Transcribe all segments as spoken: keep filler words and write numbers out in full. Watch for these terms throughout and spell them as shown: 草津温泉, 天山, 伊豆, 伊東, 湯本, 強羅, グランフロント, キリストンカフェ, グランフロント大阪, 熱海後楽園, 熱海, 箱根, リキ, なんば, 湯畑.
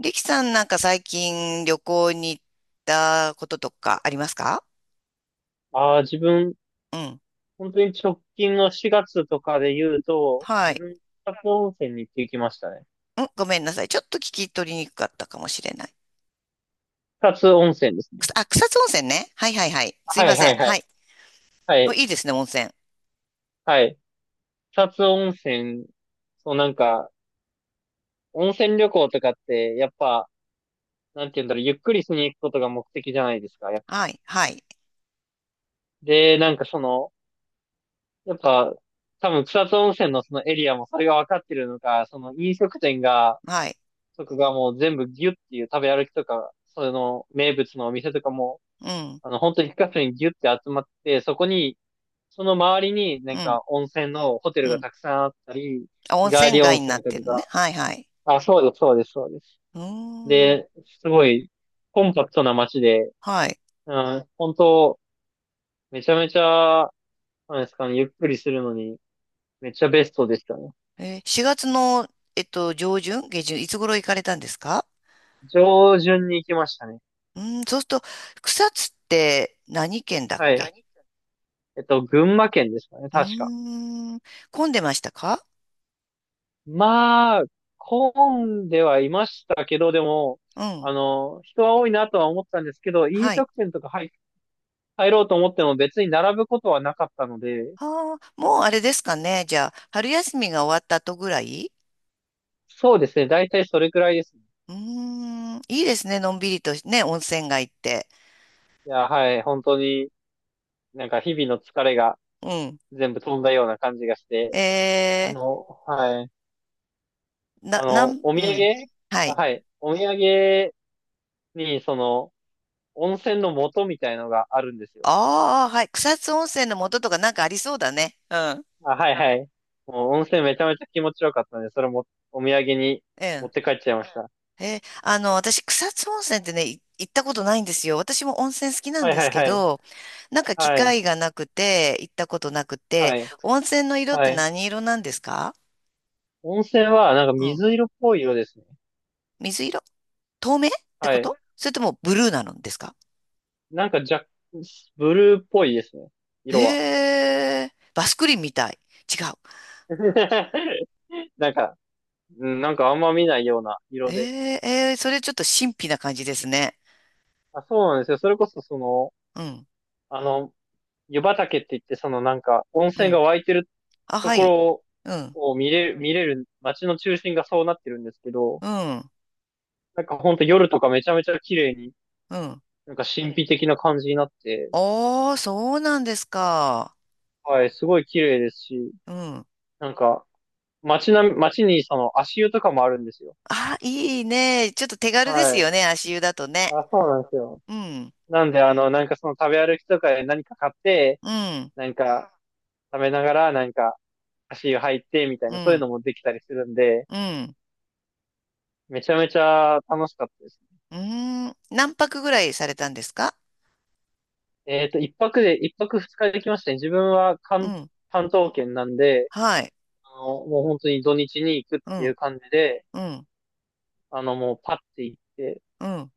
リキさんなんか最近旅行に行ったこととかありますか？ああ、自分、うん。本当に直近のしがつとかで言うと、は自い。分、草津温泉に行ってきましたね。うん、ごめんなさい。ちょっと聞き取りにくかったかもしれない。草津温泉ですくね。さあ、草津温泉ね。はいはいはい。すいはまいせはん。いははい。い。はおい、いいですね、温泉。はい。草津温泉、そうなんか、温泉旅行とかって、やっぱ、なんて言うんだろう、ゆっくりしに行くことが目的じゃないですか。やっはい、はい、で、なんかその、やっぱ、多分草津温泉のそのエリアもそれが分かってるのか、その飲食店が、はい。とかがもう全部ギュッっていう食べ歩きとか、その名物のお店とかも、うん、あの、本当に一箇所にギュって集まって、そこに、その周りになうんん、か温泉のホテうルがん。たくさんあったり、あ、温日帰泉り温街になっ泉とてるのね。かはいはい。が、あ、そうです、そうです、そうです。うーん。で、すごいコンパクトな街で、はい。うん、本当、めちゃめちゃ、なんですかね、ゆっくりするのに、めっちゃベストでしたね。えー、しがつの、えっと、上旬、下旬、いつ頃行かれたんですか？上旬に行きましたね。うーん、そうすると、草津って何県だっはい。け？何えっと、群馬県ですかね、う確か。ーん。混んでましたか？まあ、混んではいましたけど、でも、うん。あの、人は多いなとは思ったんですけど、飲はい。食店とか入、入ろうと思っても別に並ぶことはなかったので、ああ、もうあれですかね。じゃあ、春休みが終わった後ぐらい。そうですね、大体それくらいですね。うーん。いいですね。のんびりとね、温泉街って。いや、はい、本当になんか日々の疲れがうん。全部飛んだような感じがして、あえの、はい、ー、な、あなの、ん、おう土産、ん。はあい。はい、お土産にその、温泉の素みたいのがあるんですよ。ああ、はい。草津温泉の元とかなんかありそうだね。うん。あ、はいはい。もう温泉めちゃめちゃ気持ちよかったんで、それもお土産にう持っん。て帰っちゃいました。えーあの、私、草津温泉ってね、い行ったことないんですよ。私も温泉好きなんはいではすいけはい。ど、なんか機はい。会がなくて、行ったことなくて、はい。温泉の色っはてい。何色なんですか？温泉はなんかうん。水色っぽい色ですね。水色、透明ってはこい。と、それともブルーなのですか？なんか若、ブルーっぽいですね。色は。へえ、バスクリンみたい。違う。なんか、うんなんかあんま見ないような色えで。え、えーそれちょっと神秘な感じですね。あ、そうなんですよ。それこそその、うん、あの、湯畑って言って、そのなんか温う泉がん。湧いてるあ、とはこい。ろうん、を見れる、見れる街の中心がそうなってるんですけど、うん、なんかほんと夜とかめちゃめちゃ綺麗に、うん。なんか神秘的な感じになって、おー、そうなんですか。はい、すごい綺麗ですし、うん。なんか街な、街にその足湯とかもあるんですよ。あ、いいね。ちょっと手軽ですはよい。ね、足湯だとね。あ、そうなんですよ。うん、なんであの、なんかその食べ歩きとかで何か買って、うん、なんか食べながらなんか足湯入ってみたいうな、そういうん、のもできたりするんで、うん、めちゃめちゃ楽しかったですね。うん。何泊ぐらいされたんですか？えっと、いっぱくで、いっぱくふつかできましたね。自分はう関、ん、関東圏なんで、はい。あの、もう本当に土日に行くっうていうん、感じで、うん、あの、もうパッて行って、うん。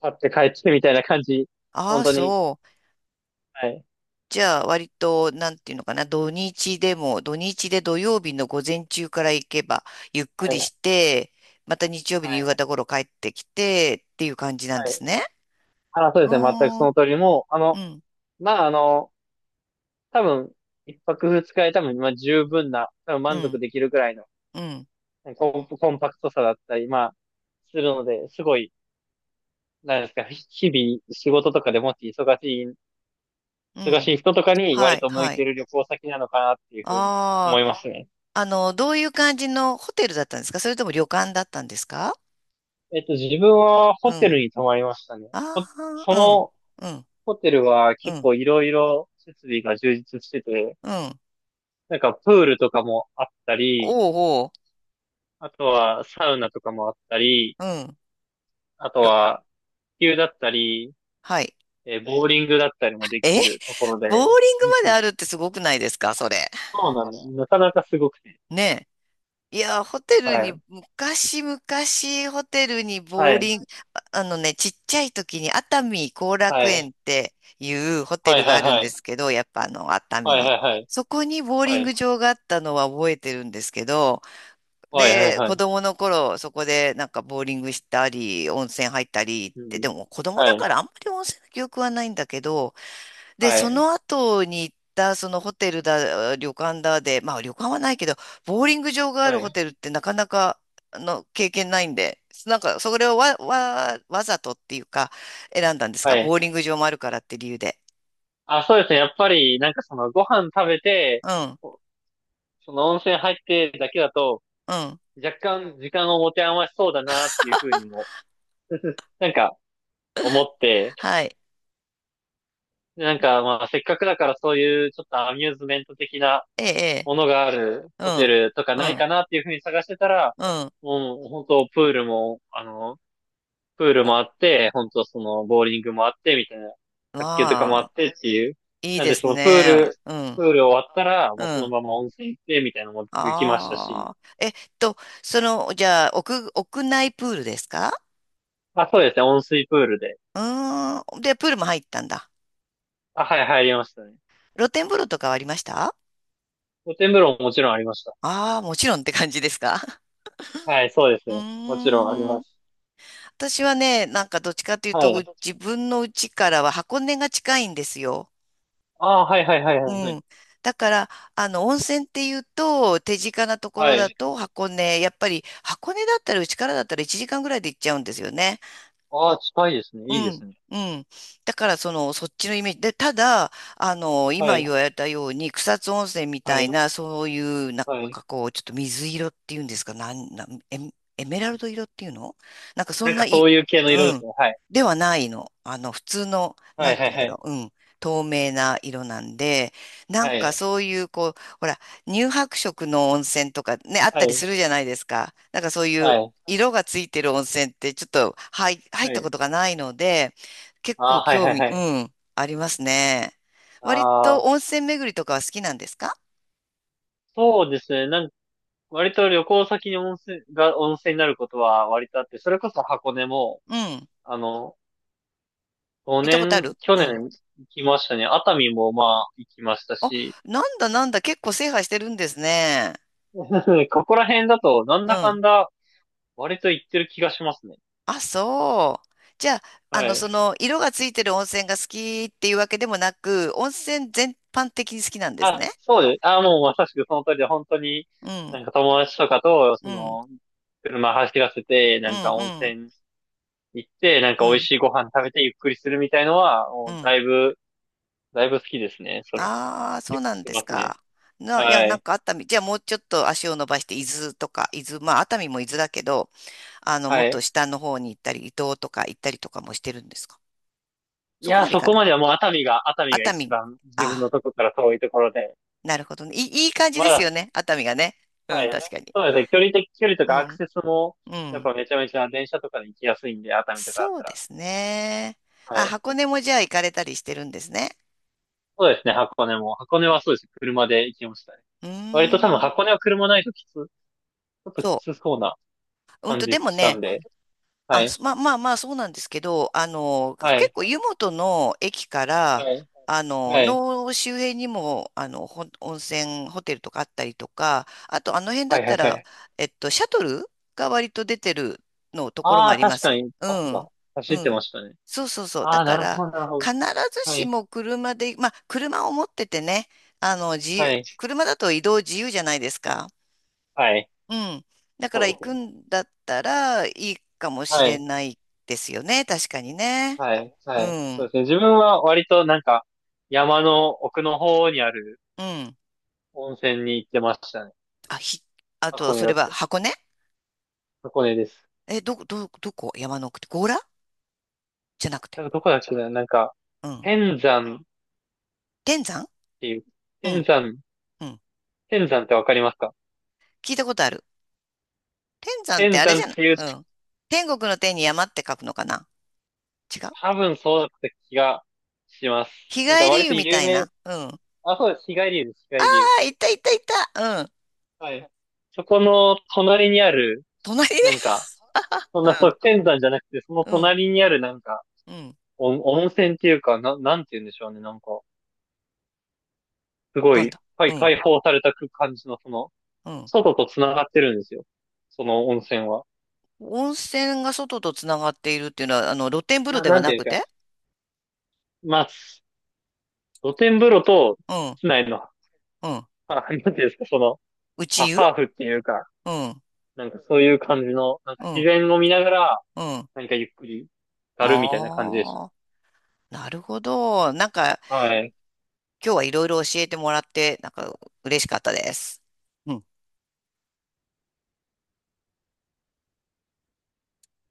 パッて帰ってみたいな感じ。あ本あ、当に。そう。はい。じゃあ、割と、なんていうのかな、土日でも、土日で土曜日の午前中から行けば、ゆっくはい。りはして、また日曜日の夕方い。頃帰ってきて、っていう感じなんはでい。すね。あ、そうでうすね。全くーそん、の通り。もう、あうの、ん、まあ、あの、多分、一泊二日で多分、まあ、十分な、多分う満足ん、できるくらいのうん、コン、コンパクトさだったり、まあ、するので、すごい、なんですか、日々仕事とかでもし忙しい、う忙ん。しい人とかには割い、と向いはてい。る旅行先なのかなっていうふうに思ああ。いますね。あの、どういう感じのホテルだったんですか？それとも旅館だったんですか？えっと、自分はうホテん。ルに泊まりましたね。あほそあ、のうん、うん、ホテルはう結ん、構いろいろ設備が充実してて、うん。なんかプールとかもあったり、おうおう、あとはサウナとかもあったり、うん。あとと、は球だったり、はい。えーボーリングだったりもできえるところボーで、リングうんまうでんあるってすごくないですか、それ？そうなんです。なかなかすごくて。ねえ。いや、ホテはルに、い。昔々ホテルにはボーい。リング、ああのね、ちっちゃい時に熱海後楽は園っい。ていうホテはいルはがあいるんはでい。すけど、やっぱあの、熱は海いに。はいはい。そこにボーリはンい。グ場があったのは覚えてるんですけど、はいはいで、は子い。供の頃、そこでなんかボーリングしたり、温泉入ったりっうて、ん。でも子供はだい。からあんまり温泉の記憶はないんだけど、で、はそい。の後に行ったそのホテルだ、旅館だで、まあ旅館はないけど、ボーリング場があはるホい。テルってなかなかあの経験ないんで、なんかそれをわ、わ、わざとっていうか選んだんですはか、い。ボーリング場もあるからって理由で。あ、そうですね。やっぱり、なんかそのご飯食べて、うん、その温泉入ってだけだと、うん。若干時間を持て余しそうだなっていうふうにも、なんか思って、はい。なんかまあせっかくだからそういうちょっとアミューズメント的なええ、ものがあるええうホテん、ルとかうないん、かなっていうふうに探してたら、うん。もう本当プールも、あの、プールおもあって、本当そのボーリングもあってみたいな、卓球とかもあまってっていう。いいなんでですそのプーね。ル、うプん。ール終わったら、うもうそのん。まま温泉行ってみたいなのも行きましたし、ああ。えっと、その、じゃあ、屋、屋内プールですか？まあ、そうですね、温水プールで。うーん。で、プールも入ったんだ。あ、はい、入りましたね。露天風呂とかはありました？露天風呂ももちろんありました。ああー、もちろんって感じですか？ はい、そうですうね。もちろんありーまん。す。私はね、なんかどっちかというはと、い。う自分の家からは箱根が近いんですよ。ああ、はいはいはいうはいはい。ん。だから、あの、温泉っていうと、手近なところはだい。と箱根、やっぱり箱根だったら、うちからだったらいちじかんぐらいで行っちゃうんですよね。ああ、近いですうね。いいでん、すね。うん。だから、その、そっちのイメージ。で、ただ、あの、は今言い。われたように、草津温泉みはたいい。な、そういう、なんはい。かこう、ちょっと水色っていうんですか、なん、なん、エメ、エメラルド色っていうの、なんかそなんんなかい、そういう系のう色ですん。ね。はい。ではないの。あの、普通の、はなんいてはい言うんはだい。ろう。うん。透明な色なんで、なんはい。かね、そういう、こう、ほら、乳白色の温泉とかね、あっはたりいするじゃないですか。なんかそういはう、い色がついてる温泉ってちょっと入、入っはたこい。とがないので、結あ構あ、はい興はい味、はうい。ん、ありますね。割あとあ、温泉巡りとかは好きなんですか？そうですね。なん割と旅行先に温泉が、温泉になることは割とあって、それこそ箱根も、うん。あの、行った5ことあ年、る去うん。年行きましたね。熱海もまあ行きましたあ、し、なんだなんだ、結構制覇してるんですね。ここら辺だとなんうだかん。んだ割と言ってる気がしますね。あ、そう。じゃあ、あはの、い。その、色がついてる温泉が好きっていうわけでもなく、温泉全般的に好きなんですあ、ね。そうです。あ、もうまさしくその通りで、本当に、うなん、んか友達とかと、そうん、の、車走らせて、うなん、んか温うん、泉行って、なんかう美味ん、しいご飯食べてゆっくりするみたいのは、うもうん。だいぶ、だいぶ好きですね。それは。ああ、そう結構なしんてですますね。か。な、いや、はなんい。か熱海、じゃあもうちょっと足を伸ばして、伊豆とか、伊豆、まあ熱海も伊豆だけど、あの、もはっとい。下の方に行ったり、伊東とか行ったりとかもしてるんですか？いそこや、まで行そかこない。まではもう熱海が、熱海が熱一海、番自分のあとこから遠いところで、あ、なるほどね。いい、いい感じまですだ、よね、熱海がね。うはん、い。確かに。そうですね。距離的、距離とうかアクん、セスも、うやっん。ぱめちゃめちゃ電車とかで行きやすいんで、熱海とかだっそうたでら。すね。はあ、い。箱根もじゃあ行かれたりしてるんですね。そうですね、箱根も。箱根はそうですね、車で行きましたね。うー割と多分ん。箱根は車ないときつ、ちょっときそつそうなう。うん感と、でじもしたんね、で。はあ、い。すまあまあまあ、そうなんですけど、あの、は結い。構湯本の駅から、はい。あの、はい。の周辺にも、あの、ほ温泉ホテルとかあったりとか、あとあの辺だはっい、はたい、はら、い。えっと、シャトルが割と出てるのところあもああ、りま確すかよね。にうバスがん。う走ってまん。したね。そうそうそう。あだあ、なかるほら、ど、なるほど。必ずはしい、も車で、まあ、車を持っててね、あの、自は由、い、車だと移動自由じゃないですか。はい。うん。だかそらう行ですくね。んだったらいいかもしはれい、ないですよね。確かにね。はい、うはい。そうん。ですね。自分は割となんか、山の奥の方にあるうん。温泉に行ってましたね。あ、ひ、あと、箱そ根だれっはた。箱根？箱根です。え、ど、ど、どこ、山の奥って強羅じゃなくて？なんかどこだっけな、なんか、うん。天山天山、っていう。う天ん。山、うん。天山ってわかりますか？聞いたことある。天山って天あれ山じゃっない、ていう、うん。天国の天に山って書くのかな？違う？多分そうだった気がします。日なんか帰り割湯とみ有たい名、な、うん。ああ、そうです。日帰り湯です。日帰り湯。あ、いたいたいた。うん。はい。そこの隣にある、隣ね。なんか、そんな、そうう、天山じゃなくて、そのん。うん。隣にあるなんか、うん。温温泉っていうか、な、なんて言うんでしょうね。なんか、すごなんい、だ。はうい、ん。開放された感じの、その、うん。外と繋がってるんですよ。その温泉は。温泉が外とつながっているっていうのは、あの、露天風呂な、でなはんてないうんくですか。て？まあ、露天風呂と、うん、室内の、うん。あ、なんていうんですか、その、内あ、湯？ハーフっていうか、うん、なんかそういう感じの、なんかう自ん、然を見ながら、うん。何かゆっくり、やるみたいな感じでしああ、なるほど。なんか、た。はい。今日はいろいろ教えてもらって、なんか、嬉しかったです。うん